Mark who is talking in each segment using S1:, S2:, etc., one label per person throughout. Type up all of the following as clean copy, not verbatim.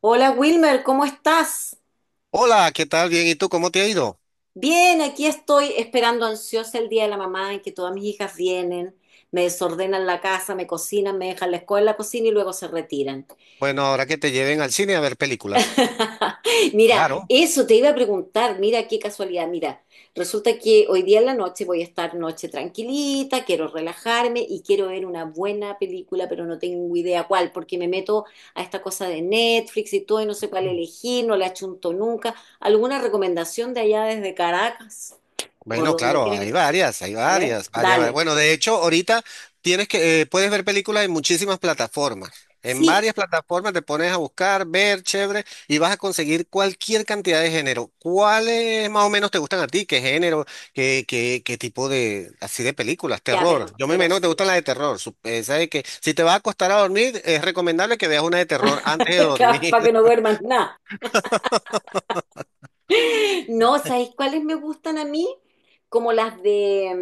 S1: Hola Wilmer, ¿cómo estás?
S2: Hola, ¿qué tal? Bien, ¿y tú cómo te ha ido?
S1: Bien, aquí estoy esperando ansiosa el día de la mamá en que todas mis hijas vienen, me desordenan la casa, me cocinan, me dejan la escuela en la cocina y luego se retiran.
S2: Bueno, ahora que te lleven al cine a ver películas.
S1: Mira, eso te iba a preguntar, mira qué casualidad, mira, resulta que hoy día en la noche voy a estar noche tranquilita, quiero relajarme y quiero ver una buena película, pero no tengo idea cuál, porque me meto a esta cosa de Netflix y todo y no sé cuál elegir, no la achunto nunca. ¿Alguna recomendación de allá desde Caracas o de
S2: Bueno,
S1: donde
S2: claro,
S1: quiera que esté?
S2: hay
S1: A ver,
S2: varias, varias.
S1: dale.
S2: Bueno, de hecho, ahorita tienes que puedes ver películas en muchísimas plataformas. En
S1: Sí,
S2: varias plataformas te pones a buscar, ver, chévere, y vas a conseguir cualquier cantidad de género. ¿Cuáles más o menos te gustan a ti? ¿Qué género? ¿Qué tipo de así de películas?
S1: ya,
S2: Terror.
S1: pero,
S2: Yo me
S1: pero
S2: imagino que te gustan las de terror. Sabes que si te vas a acostar a dormir, es recomendable que veas una de terror antes de dormir.
S1: para que no duermas nada. No, ¿sabéis cuáles me gustan a mí? Como las de,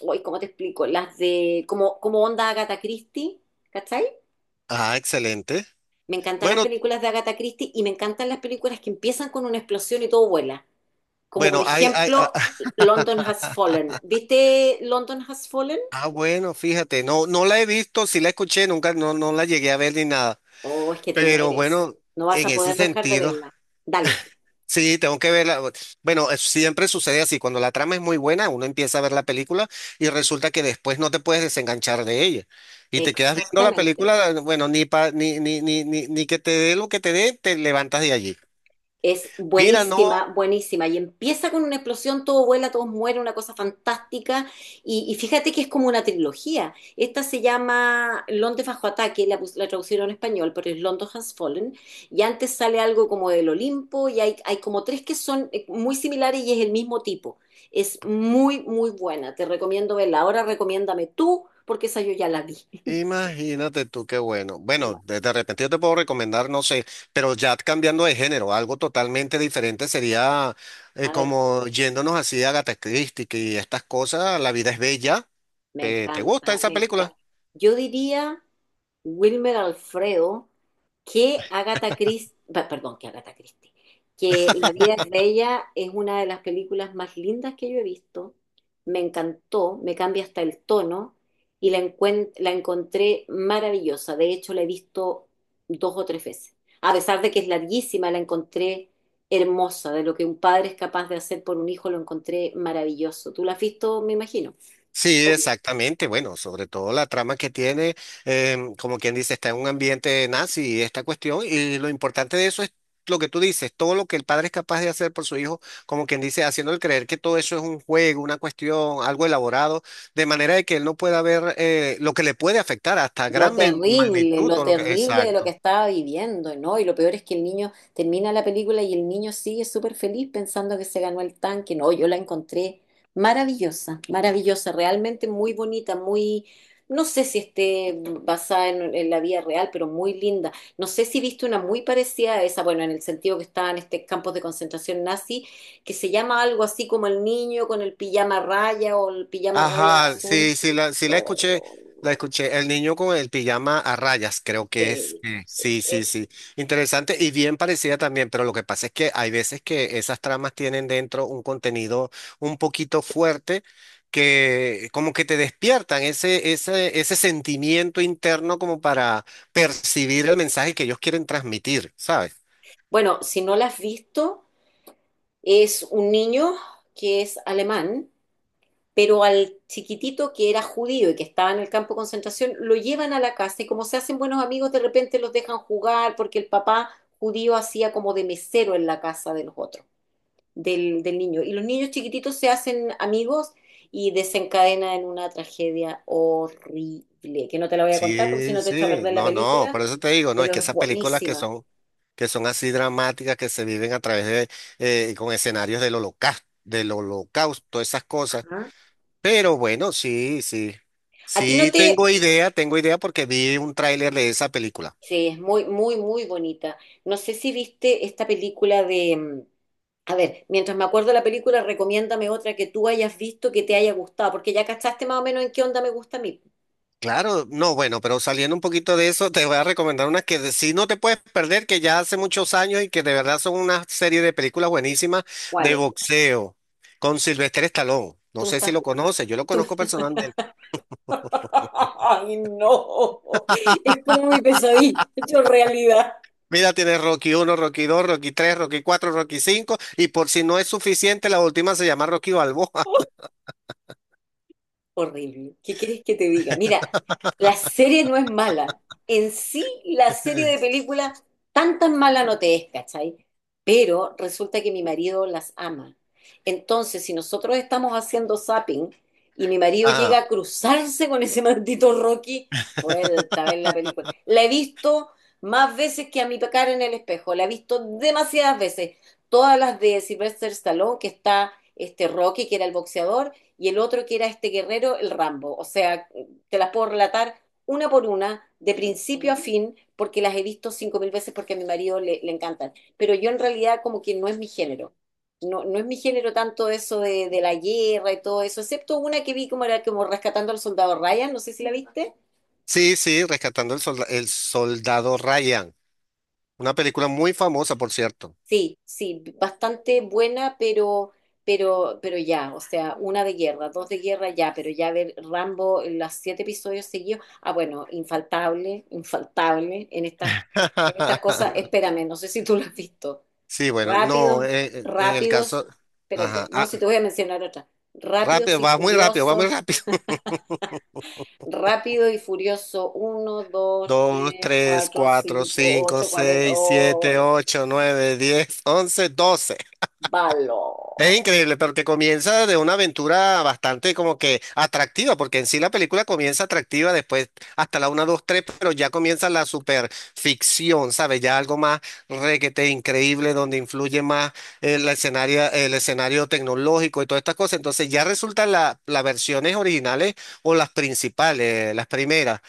S1: uy, ¿cómo te explico? Las de, como onda Agatha Christie, ¿cachai?
S2: Ah, excelente.
S1: Me encantan las
S2: Bueno,
S1: películas de Agatha Christie y me encantan las películas que empiezan con una explosión y todo vuela. Como por
S2: bueno, hay, ah,
S1: ejemplo,
S2: ah,
S1: London Has Fallen. ¿Viste London Has Fallen?
S2: ah, bueno, fíjate, no, no la he visto, sí la escuché, nunca, no, no la llegué a ver ni nada,
S1: Oh, es que te
S2: pero
S1: mueres.
S2: bueno,
S1: No vas
S2: en
S1: a
S2: ese
S1: poder dejar de
S2: sentido,
S1: verla. Dale,
S2: sí, tengo que verla. Bueno, siempre sucede así, cuando la trama es muy buena, uno empieza a ver la película y resulta que después no te puedes desenganchar de ella y te quedas viendo la
S1: exactamente.
S2: película, bueno, ni pa, ni que te dé lo que te dé, te levantas de allí.
S1: Es
S2: Mira, no.
S1: buenísima, buenísima. Y empieza con una explosión, todo vuela, todos mueren, una cosa fantástica. Y fíjate que es como una trilogía. Esta se llama Londres bajo ataque, la traducieron en español, pero es London Has Fallen. Y antes sale algo como del Olimpo y hay como tres que son muy similares y es el mismo tipo. Es muy, muy buena. Te recomiendo verla. Ahora recomiéndame tú, porque esa yo ya la vi.
S2: Imagínate tú, qué bueno. Bueno, de repente yo te puedo recomendar, no sé, pero ya cambiando de género, algo totalmente diferente sería
S1: A ver,
S2: como yéndonos así a Agatha Christie y estas cosas, La vida es bella.
S1: me
S2: ¿Te gusta
S1: encanta,
S2: esa
S1: me
S2: película?
S1: encanta. Yo diría, Wilmer Alfredo, que Agatha Christie, perdón, que Agatha Christie, que La vida es bella es una de las películas más lindas que yo he visto. Me encantó, me cambia hasta el tono y la encontré maravillosa. De hecho, la he visto dos o tres veces. A pesar de que es larguísima, la encontré hermosa. De lo que un padre es capaz de hacer por un hijo, lo encontré maravilloso. Tú la has visto, me imagino.
S2: Sí, exactamente. Bueno, sobre todo la trama que tiene, como quien dice, está en un ambiente nazi esta cuestión y lo importante de eso es lo que tú dices, todo lo que el padre es capaz de hacer por su hijo, como quien dice, haciéndole creer que todo eso es un juego, una cuestión, algo elaborado, de manera de que él no pueda ver lo que le puede afectar hasta gran magnitud,
S1: Lo
S2: todo lo que...
S1: terrible de lo que
S2: Exacto.
S1: estaba viviendo, ¿no? Y lo peor es que el niño termina la película y el niño sigue súper feliz pensando que se ganó el tanque. No, yo la encontré maravillosa, maravillosa, realmente muy bonita, muy, no sé si esté basada en la vida real, pero muy linda. No sé si viste una muy parecida a esa, bueno, en el sentido que estaba en este campos de concentración nazi, que se llama algo así como el niño con el pijama raya o el pijama raya
S2: Ajá,
S1: azul.
S2: sí la escuché, la escuché. El niño con el pijama a rayas, creo que es.
S1: Sí,
S2: Mm.
S1: sí.
S2: Sí, sí, sí. Interesante y bien parecida también, pero lo que pasa es que hay veces que esas tramas tienen dentro un contenido un poquito fuerte que como que te despiertan ese sentimiento interno como para percibir el mensaje que ellos quieren transmitir, ¿sabes?
S1: Bueno, si no la has visto, es un niño que es alemán, pero al chiquitito que era judío y que estaba en el campo de concentración, lo llevan a la casa y como se hacen buenos amigos, de repente los dejan jugar porque el papá judío hacía como de mesero en la casa de los otros, del niño. Y los niños chiquititos se hacen amigos y desencadena en una tragedia horrible, que no te la voy a contar porque si
S2: Sí,
S1: no te echo a
S2: sí,
S1: perder la
S2: no, no,
S1: película,
S2: por eso te digo, no, es que
S1: pero es
S2: esas películas
S1: buenísima.
S2: que son así dramáticas, que se viven a través de, con escenarios del holocausto, esas cosas.
S1: Ajá.
S2: Pero bueno, sí, sí,
S1: ¿A ti no
S2: sí,
S1: te?
S2: tengo idea porque vi un tráiler de esa película.
S1: Sí, es muy, muy, muy bonita. No sé si viste esta película de a ver, mientras me acuerdo de la película, recomiéndame otra que tú hayas visto que te haya gustado, porque ya cachaste más o menos en qué onda me gusta a mí.
S2: Claro, no, bueno, pero saliendo un poquito de eso, te voy a recomendar unas que sí no te puedes perder, que ya hace muchos años y que de verdad son una serie de películas buenísimas
S1: ¿Cuál
S2: de
S1: es?
S2: boxeo con Sylvester Stallone.
S1: Tú
S2: No
S1: me
S2: sé si
S1: estás.
S2: lo conoces, yo lo
S1: tú
S2: conozco
S1: me-
S2: personalmente.
S1: ¡Ay, no! Es como mi pesadilla hecho realidad.
S2: Mira, tienes Rocky uno, Rocky dos, Rocky tres, Rocky cuatro, Rocky cinco y por si no es suficiente, la última se llama Rocky Balboa.
S1: Horrible. ¿Qué quieres que te diga? Mira, la serie no es mala. En sí, la serie de películas tan tan mala no te es, ¿cachai? Pero resulta que mi marido las ama. Entonces, si nosotros estamos haciendo zapping y mi marido llega
S2: Ajá.
S1: a cruzarse con ese maldito Rocky, vuelta a ver la película. La he visto más veces que a mi pecar en el espejo. La he visto demasiadas veces. Todas las de Sylvester Stallone, que está este Rocky, que era el boxeador y el otro que era este guerrero, el Rambo. O sea, te las puedo relatar una por una, de principio a fin, porque las he visto 5.000 veces porque a mi marido le encantan. Pero yo en realidad como que no es mi género. No, no es mi género tanto eso de la guerra y todo eso, excepto una que vi como era como Rescatando al Soldado Ryan, no sé si la viste.
S2: Sí, sí, rescatando el soldado Ryan. Una película muy famosa, por cierto.
S1: Sí, sí, bastante buena, pero ya, o sea, una de guerra, dos de guerra ya, pero ya ver Rambo, los siete episodios seguidos, ah, bueno, infaltable, infaltable en estas cosas, espérame, no sé si tú lo has visto.
S2: Sí, bueno, no,
S1: Rápidos,
S2: en el
S1: rápidos,
S2: caso,
S1: espérate,
S2: ajá,
S1: no,
S2: ah,
S1: si te voy a mencionar otra. Rápidos
S2: rápido,
S1: y
S2: va muy rápido, va muy
S1: Furiosos,
S2: rápido.
S1: Rápido y Furioso, uno, 2,
S2: Dos,
S1: 3,
S2: tres,
S1: 4,
S2: cuatro,
S1: 5,
S2: cinco,
S1: 8, 40,
S2: seis,
S1: oh,
S2: siete, ocho, nueve, diez, once, doce.
S1: balo.
S2: Es increíble, porque comienza de una aventura bastante como que atractiva, porque en sí la película comienza atractiva, después hasta la una, 2, 3, pero ya comienza la superficción, ¿sabes? Ya algo más requete increíble, donde influye más el escenario tecnológico y todas estas cosas. Entonces ya resultan las versiones originales o las principales, las primeras,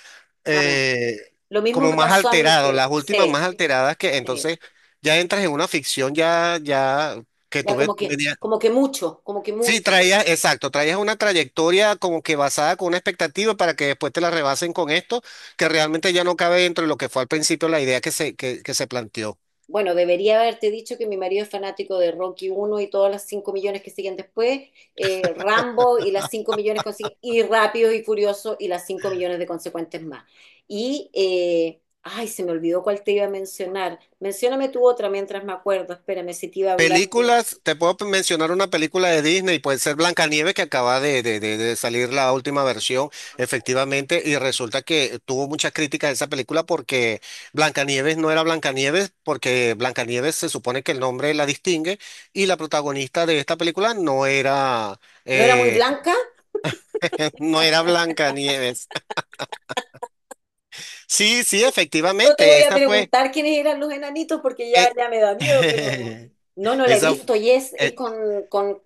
S1: Ah,
S2: eh,
S1: lo mismo
S2: como
S1: me
S2: más
S1: pasó a mí
S2: alteradas,
S1: que,
S2: las últimas
S1: sí,
S2: más alteradas que
S1: sí,
S2: entonces ya entras en una ficción ya que
S1: ya
S2: tuve.
S1: como que mucho, como que
S2: Sí,
S1: mucho.
S2: traías, exacto, traías una trayectoria como que basada con una expectativa para que después te la rebasen con esto, que realmente ya no cabe dentro de lo que fue al principio la idea que se, que se planteó.
S1: Bueno, debería haberte dicho que mi marido es fanático de Rocky uno y todas las 5 millones que siguen después, Rambo y las 5 millones consiguen, y Rápidos y Furiosos y las 5 millones de consecuentes más. Y, ay, se me olvidó cuál te iba a mencionar. Mencióname tú otra mientras me acuerdo, espérame si te iba a hablar de.
S2: Películas, te puedo mencionar una película de Disney, puede ser Blancanieves, que acaba de salir la última versión,
S1: Ah, no.
S2: efectivamente, y resulta que tuvo muchas críticas esa película porque Blancanieves no era Blancanieves, porque Blancanieves se supone que el nombre la distingue, y la protagonista de esta película no era.
S1: ¿No era muy
S2: eh,
S1: blanca?
S2: No era Blancanieves. Sí, sí,
S1: No te
S2: efectivamente,
S1: voy a
S2: esa fue.
S1: preguntar quiénes eran los enanitos porque ya,
S2: eh,
S1: ya me da miedo, pero no, no la he
S2: esa. fu-
S1: visto y es
S2: eh,
S1: con, con,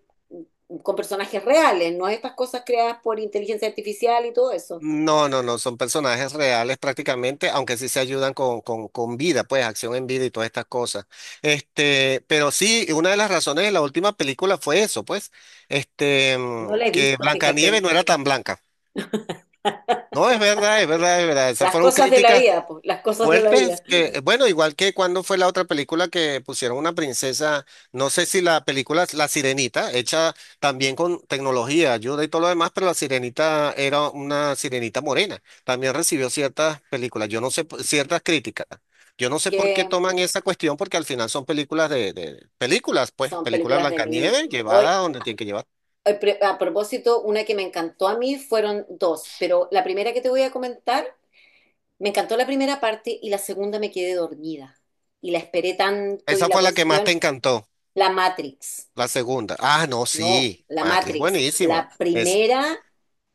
S1: con personajes reales, no estas cosas creadas por inteligencia artificial y todo eso.
S2: no, no, no, son personajes reales prácticamente, aunque sí se ayudan con, con vida, pues acción en vida y todas estas cosas. Este, pero sí, una de las razones de la última película fue eso, pues, este,
S1: No la he
S2: que
S1: visto, fíjate.
S2: Blancanieves no era tan blanca. No, es verdad, es verdad, es verdad. Esas
S1: Las
S2: fueron
S1: cosas de la
S2: críticas.
S1: vida, pues, las cosas de la
S2: Fuertes
S1: vida,
S2: que, bueno, igual que cuando fue la otra película que pusieron una princesa, no sé si la película es La Sirenita, hecha también con tecnología, ayuda y todo lo demás, pero La Sirenita era una sirenita morena. También recibió ciertas películas, yo no sé, ciertas críticas. Yo no sé por qué
S1: que
S2: toman esa cuestión, porque al final son películas de películas, pues,
S1: son
S2: película
S1: películas de niños.
S2: Blancanieves
S1: Hoy,
S2: llevada a donde tiene que llevar.
S1: hoy, a propósito, una que me encantó a mí fueron dos, pero la primera que te voy a comentar, me encantó la primera parte y la segunda me quedé dormida. Y la esperé tanto y
S2: Esa
S1: la
S2: fue la que más te
S1: cuestión,
S2: encantó,
S1: La Matrix,
S2: la segunda. Ah, no,
S1: no,
S2: sí,
S1: La
S2: Matrix,
S1: Matrix.
S2: buenísima.
S1: La primera,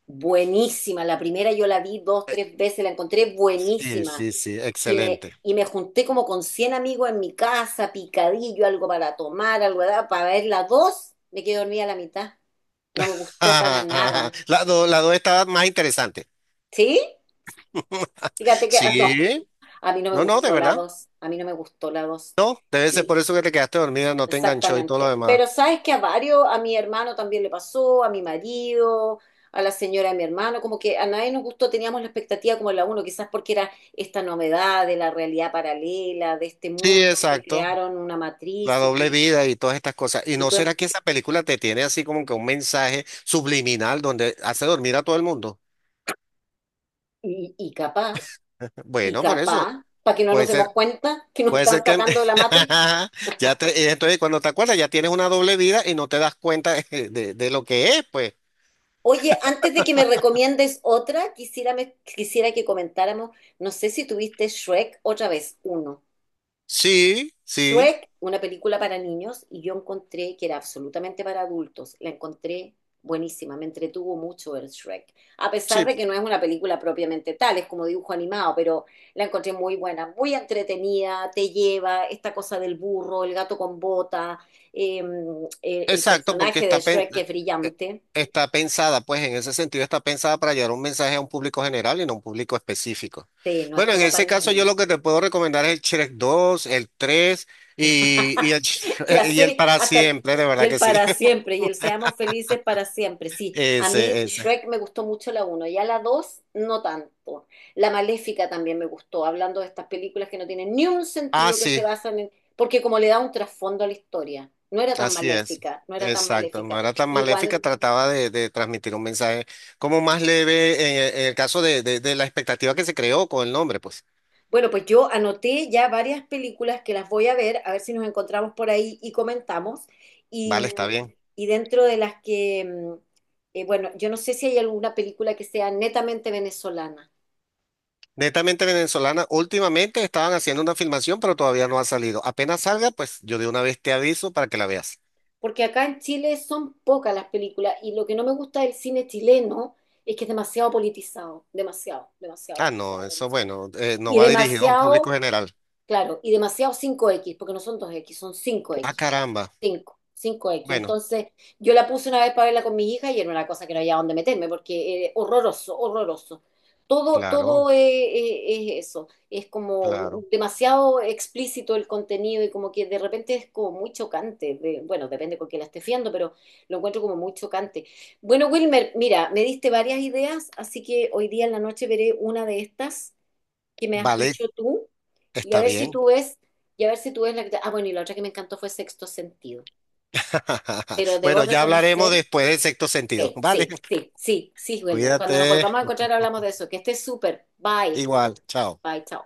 S1: buenísima. La primera yo la vi dos, tres veces, la encontré
S2: Sí,
S1: buenísima.
S2: sí, sí,
S1: Y me,
S2: excelente.
S1: y me junté como con 100 amigos en mi casa, picadillo, algo para tomar, para ver la dos. Me quedé dormida a la mitad. No me gustó para nada.
S2: La dos estaba más interesante.
S1: ¿Sí? Fíjate que ah, no,
S2: Sí,
S1: a mí no me
S2: no, no, de
S1: gustó la
S2: verdad.
S1: dos. A mí no me gustó la dos.
S2: No, debe ser por eso que te quedaste dormida, no te enganchó y todo lo
S1: Exactamente.
S2: demás.
S1: Pero sabes que a varios, a mi hermano también le pasó, a mi marido, a la señora de mi hermano, como que a nadie nos gustó, teníamos la expectativa como la uno, quizás porque era esta novedad de la realidad paralela, de este
S2: Sí,
S1: mundo que
S2: exacto.
S1: crearon una
S2: La
S1: matriz y,
S2: doble vida y todas estas cosas. ¿Y
S1: y,
S2: no
S1: tú,
S2: será que esa película te tiene así como que un mensaje subliminal donde hace dormir a todo el mundo?
S1: y, y capaz, y
S2: Bueno, por eso.
S1: capaz, para que no
S2: Puede
S1: nos
S2: ser,
S1: demos cuenta que nos
S2: puede
S1: están
S2: ser que
S1: sacando de la Matrix.
S2: ya te, y entonces cuando te acuerdas ya tienes una doble vida y no te das cuenta de lo que es, pues.
S1: Oye, antes de que me recomiendes otra, quisiera, quisiera que comentáramos, no sé si tuviste Shrek otra vez, uno.
S2: Sí, sí,
S1: Shrek, una película para niños, y yo encontré que era absolutamente para adultos. La encontré buenísima, me entretuvo mucho ver Shrek. A pesar
S2: sí,
S1: de que no es una película propiamente tal, es como dibujo animado, pero la encontré muy buena, muy entretenida, te lleva esta cosa del burro, el gato con bota, eh, el
S2: exacto, porque
S1: personaje de
S2: está,
S1: Shrek que es
S2: eh,
S1: brillante.
S2: está pensada, pues en ese sentido está pensada para llevar un mensaje a un público general y no a un público específico.
S1: Sí, no es
S2: Bueno, en
S1: como para
S2: ese caso yo
S1: niños.
S2: lo que te puedo recomendar es el Shrek 2, el 3 y,
S1: la
S2: Y el
S1: serie,
S2: para siempre, de
S1: y
S2: verdad
S1: el
S2: que sí.
S1: para siempre, y el seamos felices para siempre. Sí, a mí
S2: Ese.
S1: Shrek me gustó mucho la uno, ya la 2 no tanto. La Maléfica también me gustó, hablando de estas películas que no tienen ni un
S2: Ah,
S1: sentido que se
S2: sí,
S1: basan en, porque como le da un trasfondo a la historia, no era tan
S2: así es.
S1: maléfica, no era tan
S2: Exacto, no
S1: maléfica.
S2: era tan
S1: Igual.
S2: maléfica, trataba de transmitir un mensaje como más leve en el caso de la expectativa que se creó con el nombre, pues.
S1: Bueno, pues yo anoté ya varias películas que las voy a ver si nos encontramos por ahí y comentamos. Y,
S2: Vale, está
S1: mm,
S2: bien.
S1: y dentro de las que, bueno, yo no sé si hay alguna película que sea netamente venezolana,
S2: Netamente venezolana, últimamente estaban haciendo una filmación, pero todavía no ha salido. Apenas salga, pues yo de una vez te aviso para que la veas.
S1: porque acá en Chile son pocas las películas y lo que no me gusta del cine chileno es que es demasiado politizado, demasiado, demasiado,
S2: Ah, no,
S1: demasiado,
S2: eso
S1: demasiado.
S2: bueno, no
S1: Y
S2: va dirigido a un público
S1: demasiado,
S2: general.
S1: claro, y demasiado cinco x porque no son dos x son cinco
S2: Ah,
S1: x
S2: caramba.
S1: 5 5X.
S2: Bueno,
S1: Entonces, yo la puse una vez para verla con mi hija y era una cosa que no había dónde meterme porque horroroso, horroroso. Todo,
S2: claro,
S1: todo es eso. Es como
S2: claro.
S1: demasiado explícito el contenido y como que de repente es como muy chocante. Bueno, depende con quién la esté fiando, pero lo encuentro como muy chocante. Bueno, Wilmer, mira, me diste varias ideas, así que hoy día en la noche veré una de estas que me has
S2: Vale,
S1: dicho tú y a
S2: está
S1: ver si
S2: bien.
S1: tú ves, la que. Ah, bueno, y la otra que me encantó fue Sexto Sentido. Pero debo
S2: Bueno, ya hablaremos
S1: reconocer,
S2: después del sexto sentido. Vale,
S1: sí, sí, sí, sí, sí, Wilmer. Cuando nos
S2: cuídate.
S1: volvamos a encontrar hablamos de eso. Que estés súper. Bye.
S2: Igual, chao.
S1: Bye, chao.